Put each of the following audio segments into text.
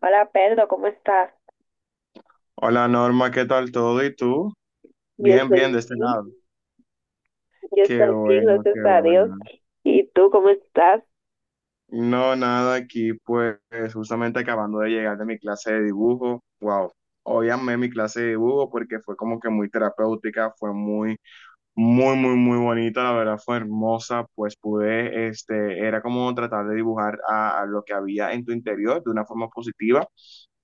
Hola Pedro, ¿cómo estás? Hola Norma, ¿qué tal todo? ¿Y tú? Yo Bien, bien, estoy de este bien, lado. yo Qué estoy bien, bueno, gracias qué a Dios. bueno. ¿Y tú cómo estás? No, nada, aquí pues justamente acabando de llegar de mi clase de dibujo. Wow, hoy amé mi clase de dibujo porque fue como que muy terapéutica, fue muy, muy, muy, muy bonita, la verdad fue hermosa, pues pude, este, era como tratar de dibujar a lo que había en tu interior de una forma positiva.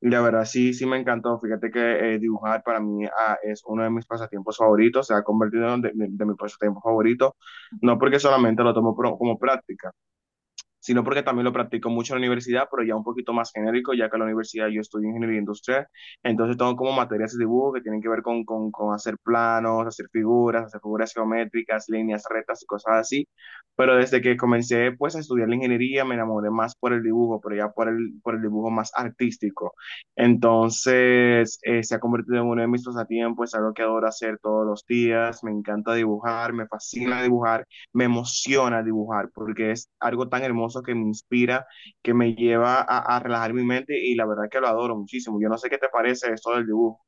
La verdad, sí, sí me encantó. Fíjate que dibujar para mí es uno de mis pasatiempos favoritos, se ha convertido en de mi pasatiempo favorito, no porque solamente lo tomo como práctica, sino porque también lo practico mucho en la universidad, pero ya un poquito más genérico, ya que en la universidad yo estudio ingeniería industrial. Entonces tengo como materias de dibujo que tienen que ver con, con hacer planos, hacer figuras geométricas, líneas rectas y cosas así, pero desde que comencé pues a estudiar la ingeniería me enamoré más por el dibujo, pero ya por el, dibujo más artístico. Entonces se ha convertido en uno de mis pasatiempos, es algo que adoro hacer todos los días, me encanta dibujar, me fascina dibujar, me emociona dibujar porque es algo tan hermoso que me inspira, que me lleva a relajar mi mente, y la verdad que lo adoro muchísimo. Yo no sé qué te parece esto del dibujo.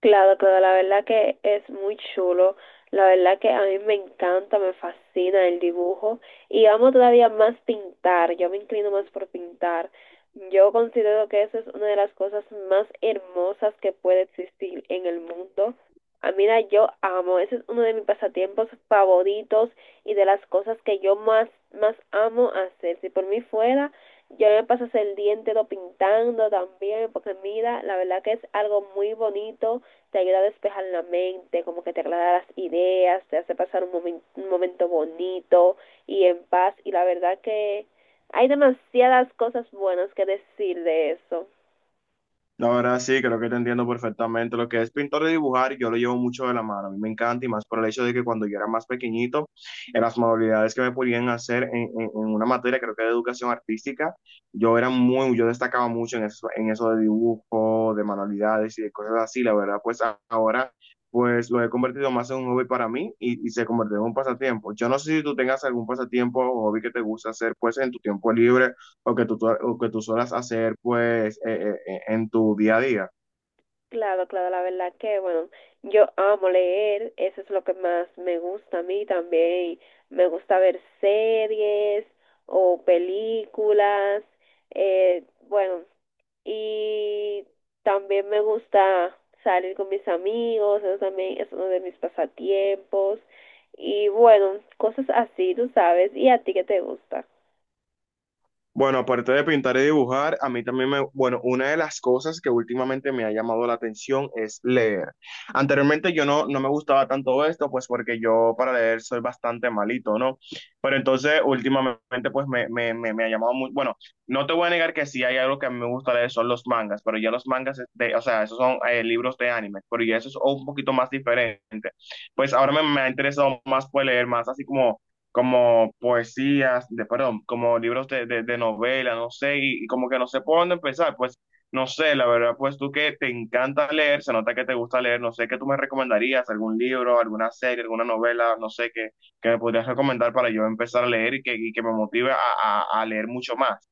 Claro, claro, la verdad que es muy chulo. La verdad que a mí me encanta, me fascina el dibujo y amo todavía más pintar. Yo me inclino más por pintar. Yo considero que eso es una de las cosas más hermosas que puede existir en el mundo. Ah, mira, yo amo, ese es uno de mis pasatiempos favoritos y de las cosas que yo más, más amo hacer. Si por mí fuera, yo me pasas el día entero pintando también, porque mira, la verdad que es algo muy bonito, te ayuda a despejar la mente, como que te aclara las ideas, te hace pasar un, un momento bonito y en paz. Y la verdad que hay demasiadas cosas buenas que decir de eso. La verdad sí, creo que te entiendo perfectamente. Lo que es pintar y dibujar, yo lo llevo mucho de la mano. A mí me encanta y más por el hecho de que cuando yo era más pequeñito, en las modalidades que me podían hacer en una materia, creo que de educación artística, yo destacaba mucho en eso de dibujo, de manualidades y de cosas así. La verdad, pues ahora, pues lo he convertido más en un hobby para mí, y se convirtió en un pasatiempo. Yo no sé si tú tengas algún pasatiempo o hobby que te gusta hacer, pues en tu tiempo libre o que tú, o que tú suelas hacer pues en tu día a día. Claro, claro, la verdad que, bueno, yo amo leer, eso es lo que más me gusta a mí también. Me gusta ver series o películas, bueno, y también me gusta salir con mis amigos, eso también es uno de mis pasatiempos, y bueno, cosas así, tú sabes, ¿y a ti qué te gusta? Bueno, aparte de pintar y dibujar, a mí también bueno, una de las cosas que últimamente me ha llamado la atención es leer. Anteriormente yo no me gustaba tanto esto, pues porque yo para leer soy bastante malito, ¿no? Pero entonces últimamente pues me ha llamado bueno, no te voy a negar que sí hay algo que a mí me gusta leer, son los mangas, pero ya los mangas, o sea, esos son libros de anime, pero ya eso es un poquito más diferente. Pues ahora me ha interesado más pues leer más así como poesías, perdón, como libros de novela, no sé, y como que no sé por dónde empezar, pues no sé, la verdad, pues tú que te encanta leer, se nota que te gusta leer, no sé, ¿qué tú me recomendarías? ¿Algún libro, alguna serie, alguna novela, no sé, que me podrías recomendar para yo empezar a leer que me motive a leer mucho más?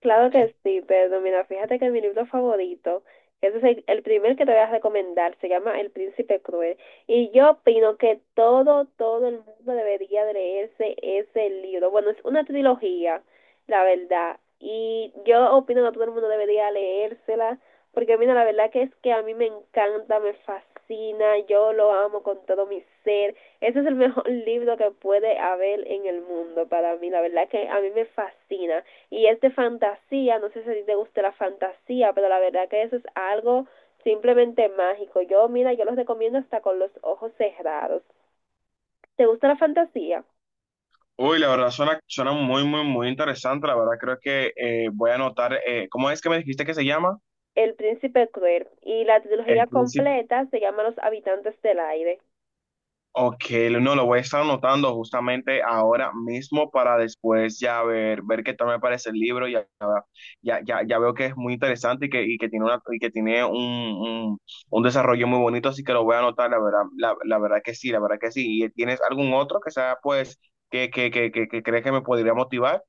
Claro que sí, pero mira, fíjate que mi libro favorito, ese es el primer que te voy a recomendar, se llama El Príncipe Cruel. Y yo opino que todo, todo el mundo debería de leerse ese libro. Bueno, es una trilogía, la verdad. Y yo opino que todo el mundo debería leérsela, porque mira, la verdad que es que a mí me encanta, me fascina, yo lo amo con todo mi ser. Ese es el mejor libro que puede haber en el mundo para mí, la verdad que a mí me fascina y es de fantasía, no sé si te gusta la fantasía, pero la verdad que eso es algo simplemente mágico. Yo, mira, yo los recomiendo hasta con los ojos cerrados. ¿Te gusta la fantasía? Uy, la verdad suena muy, muy, muy interesante, la verdad creo que voy a anotar, ¿cómo es que me dijiste que se llama? El príncipe cruel, y la El trilogía Príncipe. completa se llama Los habitantes del aire. Ok, no, lo voy a estar anotando justamente ahora mismo para después ya ver, qué tal me parece el libro. Ya, ya, ya, ya veo que es muy interesante y que tiene un desarrollo muy bonito, así que lo voy a anotar, la verdad, la verdad que sí, la verdad que sí. ¿Y tienes algún otro que sea, pues, que crees que me podría motivar?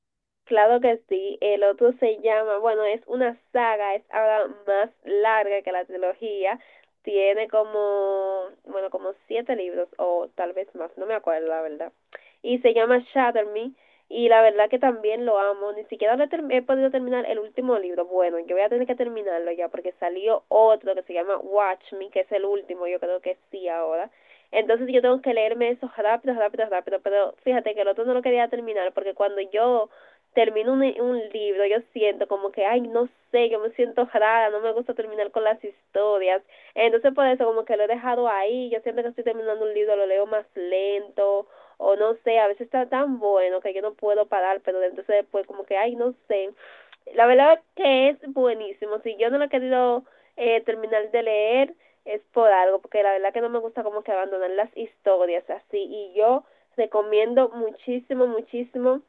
Claro que sí, el otro se llama, bueno, es una saga, es ahora más larga que la trilogía, tiene como, bueno, como siete libros o tal vez más, no me acuerdo la verdad. Y se llama Shatter Me y la verdad que también lo amo, ni siquiera lo he, he podido terminar el último libro. Bueno, yo voy a tener que terminarlo ya porque salió otro que se llama Watch Me, que es el último, yo creo que sí ahora. Entonces yo tengo que leerme eso rápido, rápido, rápido, pero fíjate que el otro no lo quería terminar porque cuando yo termino un libro, yo siento como que, ay, no sé, yo me siento rara, no me gusta terminar con las historias. Entonces por eso como que lo he dejado ahí, yo siempre que estoy terminando un libro, lo leo más lento o no sé, a veces está tan bueno que yo no puedo parar, pero entonces después como que, ay, no sé. La verdad que es buenísimo, si yo no lo he querido terminar de leer es por algo, porque la verdad que no me gusta como que abandonar las historias así y yo recomiendo muchísimo, muchísimo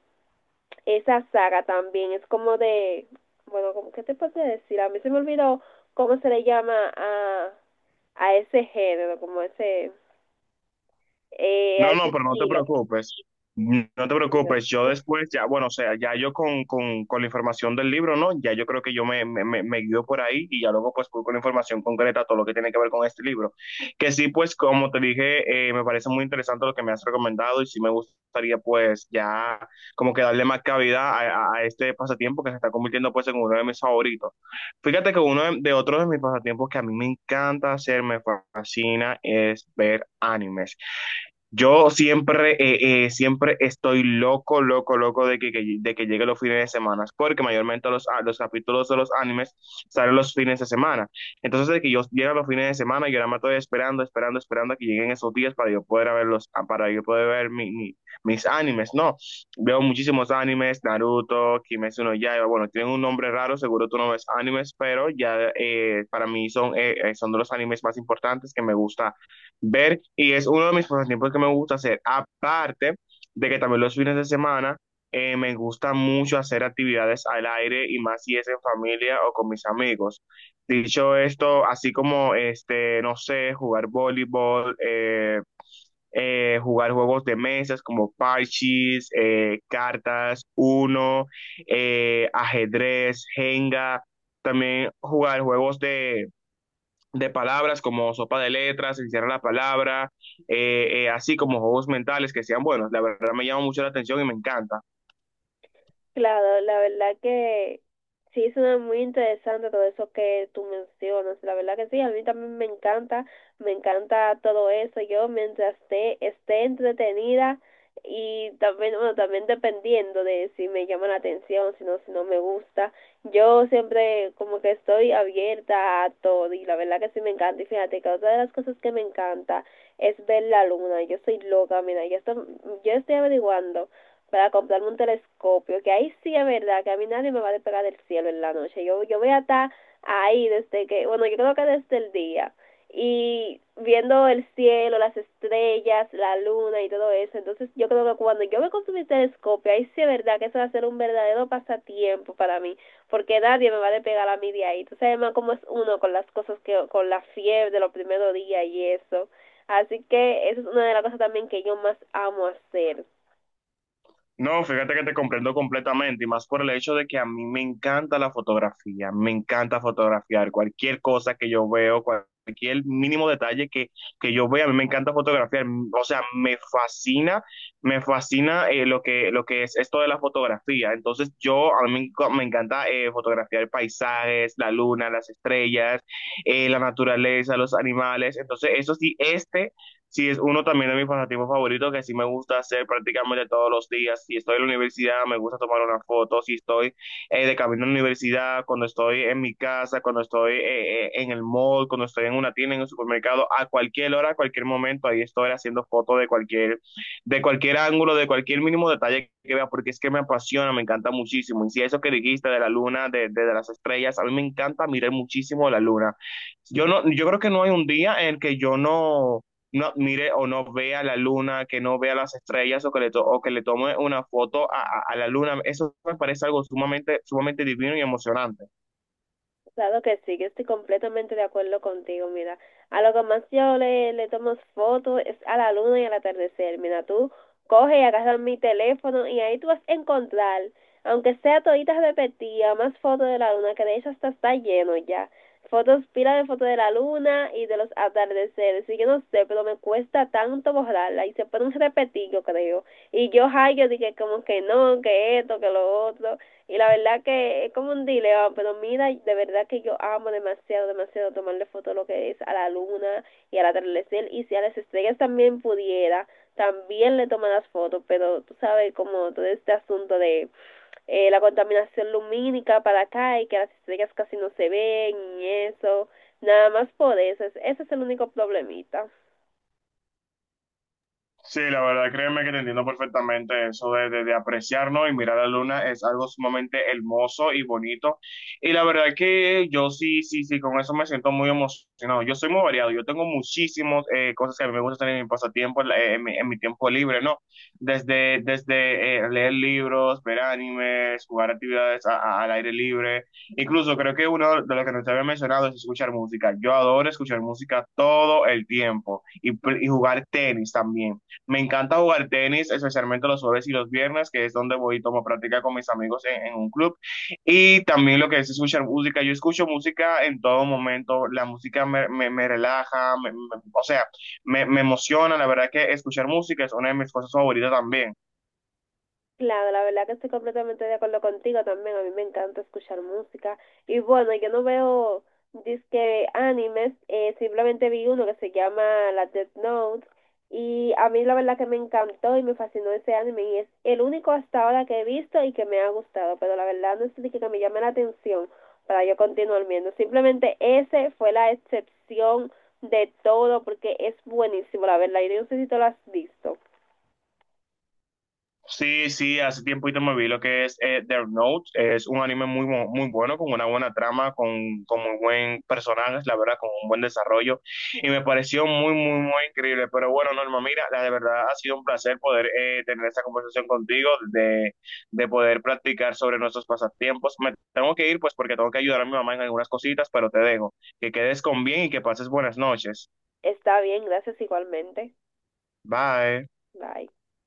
esa saga también es como de, bueno, como, ¿qué te puedo decir? A mí se me olvidó cómo se le llama a ese género, como ese, a No, ese no, pero no te estilo. preocupes. No te preocupes. Yo después, ya, bueno, o sea, ya yo con, con la información del libro, ¿no? Ya yo creo que yo me guío por ahí y ya luego pues voy con la información concreta, todo lo que tiene que ver con este libro. Que sí, pues como te dije, me parece muy interesante lo que me has recomendado y sí me gustaría pues ya como que darle más cabida a, a este pasatiempo que se está convirtiendo pues en uno de mis favoritos. Fíjate que uno de otros de mis pasatiempos que a mí me encanta hacer, me fascina, es ver animes. Siempre estoy loco, loco, loco de que, de que llegue los fines de semana, porque mayormente los capítulos de los animes salen los fines de semana. Entonces, de que yo llegue los fines de semana, yo nada más estoy esperando, esperando, esperando a que lleguen esos días para yo poder verlos, para yo poder ver mis animes. No, veo muchísimos animes, Naruto, Kimetsu no Yaiba, bueno, tienen un nombre raro, seguro tú no ves animes, pero ya para mí son, son de los animes más importantes que me gusta ver, y es uno de mis pasatiempos que me gusta hacer. Aparte de que también los fines de semana me gusta mucho hacer actividades al aire y más si es en familia o con mis amigos. Dicho esto, así como este, no sé, jugar voleibol, jugar juegos de mesas como parches, cartas, uno, ajedrez, jenga, también jugar juegos de palabras como sopa de letras, encierra la palabra, así como juegos mentales que sean buenos. La verdad me llama mucho la atención y me encanta. Claro, la verdad que sí suena muy interesante todo eso que tú mencionas. La verdad que sí, a mí también me encanta todo eso. Yo mientras esté, esté entretenida y también, bueno, también dependiendo de si me llama la atención, si no, si no me gusta. Yo siempre como que estoy abierta a todo y la verdad que sí me encanta. Y fíjate que otra de las cosas que me encanta es ver la luna. Yo soy loca, mira, yo estoy averiguando para comprarme un telescopio, que ahí sí es verdad, que a mí nadie me va a despegar del cielo en la noche. Yo voy a estar ahí desde que, bueno, yo creo que desde el día. Y viendo el cielo, las estrellas, la luna y todo eso. Entonces yo creo que cuando yo me consumí el telescopio, ahí sí es verdad que eso va a ser un verdadero pasatiempo para mí, porque nadie me va a despegar a mí de ahí. Tú sabes más cómo es uno con las cosas que, con la fiebre de los primeros días y eso. Así que esa es una de las cosas también que yo más amo hacer. No, fíjate que te comprendo completamente y más por el hecho de que a mí me encanta la fotografía, me encanta fotografiar cualquier cosa que yo veo, cualquier mínimo detalle que yo vea, a mí me encanta fotografiar, o sea, me fascina lo que, es esto de la fotografía. Entonces a mí me encanta fotografiar paisajes, la luna, las estrellas, la naturaleza, los animales. Entonces eso sí, este. Sí, es uno también de mis pasatiempos favoritos que sí me gusta hacer prácticamente todos los días. Si estoy en la universidad, me gusta tomar una foto. Si estoy de camino a la universidad, cuando estoy en mi casa, cuando estoy en el mall, cuando estoy en una tienda, en un supermercado, a cualquier hora, a cualquier momento, ahí estoy haciendo fotos de cualquier ángulo, de cualquier mínimo detalle que vea, porque es que me apasiona, me encanta muchísimo. Y si eso que dijiste de la luna, de las estrellas, a mí me encanta mirar muchísimo la luna. Yo creo que no hay un día en el que yo no mire o no vea la luna, que no vea las estrellas o que o que le tome una foto a, a la luna. Eso me parece algo sumamente, sumamente divino y emocionante. Claro que sí, que estoy completamente de acuerdo contigo, mira. A lo que más yo le tomo fotos es a la luna y al atardecer. Mira, tú coge y agarra mi teléfono y ahí tú vas a encontrar, aunque sea toditas repetidas, más fotos de la luna, que de hecho hasta está lleno ya. Fotos, pila de fotos de la luna y de los atardeceres. Y yo no sé, pero me cuesta tanto borrarla y se ponen repetir, yo creo. Y yo, ay, yo dije como que no, que esto, que lo otro. Y la verdad que es como un dilema, pero mira, de verdad que yo amo demasiado, demasiado tomarle fotos lo que es a la luna y al atardecer. Y si a las estrellas también pudiera, también le toman las fotos, pero tú sabes como todo este asunto de la contaminación lumínica para acá y que las estrellas casi no se ven y eso, nada más por eso, ese es el único problemita. Sí, la verdad, créeme que te entiendo perfectamente eso de apreciarnos y mirar la luna es algo sumamente hermoso y bonito. Y la verdad que yo sí, sí, sí, con eso me siento muy emocionado. Yo soy muy variado, yo tengo muchísimas cosas que a mí me gusta hacer en mi pasatiempo, en, en mi tiempo libre, ¿no? Desde leer libros, ver animes, jugar actividades al aire libre. Incluso creo que uno de los que no te había mencionado es escuchar música. Yo adoro escuchar música todo el tiempo, y jugar tenis también. Me encanta jugar tenis, especialmente los jueves y los viernes, que es donde voy y tomo práctica con mis amigos en, un club. Y también lo que es escuchar música. Yo escucho música en todo momento. La música me relaja, o sea, me emociona. La verdad que escuchar música es una de mis cosas favoritas también. Claro, la verdad que estoy completamente de acuerdo contigo también. A mí me encanta escuchar música. Y bueno, yo no veo disque animes, simplemente vi uno que se llama La Death Note. Y a mí la verdad que me encantó y me fascinó ese anime. Y es el único hasta ahora que he visto y que me ha gustado. Pero la verdad no es de que me llame la atención para yo continuar viendo. Simplemente ese fue la excepción de todo porque es buenísimo, la verdad. Y yo no sé si tú lo has visto. Sí, sí, hace tiempo te me vi lo que es Death Note. Es un anime muy bueno, con una buena trama, con muy buen personaje, la verdad, con un buen desarrollo. Y me pareció muy, muy, muy increíble. Pero bueno, Norma, mira, la de verdad ha sido un placer poder tener esta conversación contigo, de poder practicar sobre nuestros pasatiempos. Me tengo que ir, pues, porque tengo que ayudar a mi mamá en algunas cositas, pero te dejo. Que quedes con bien y que pases buenas noches. Está bien, gracias igualmente. Bye. Bye.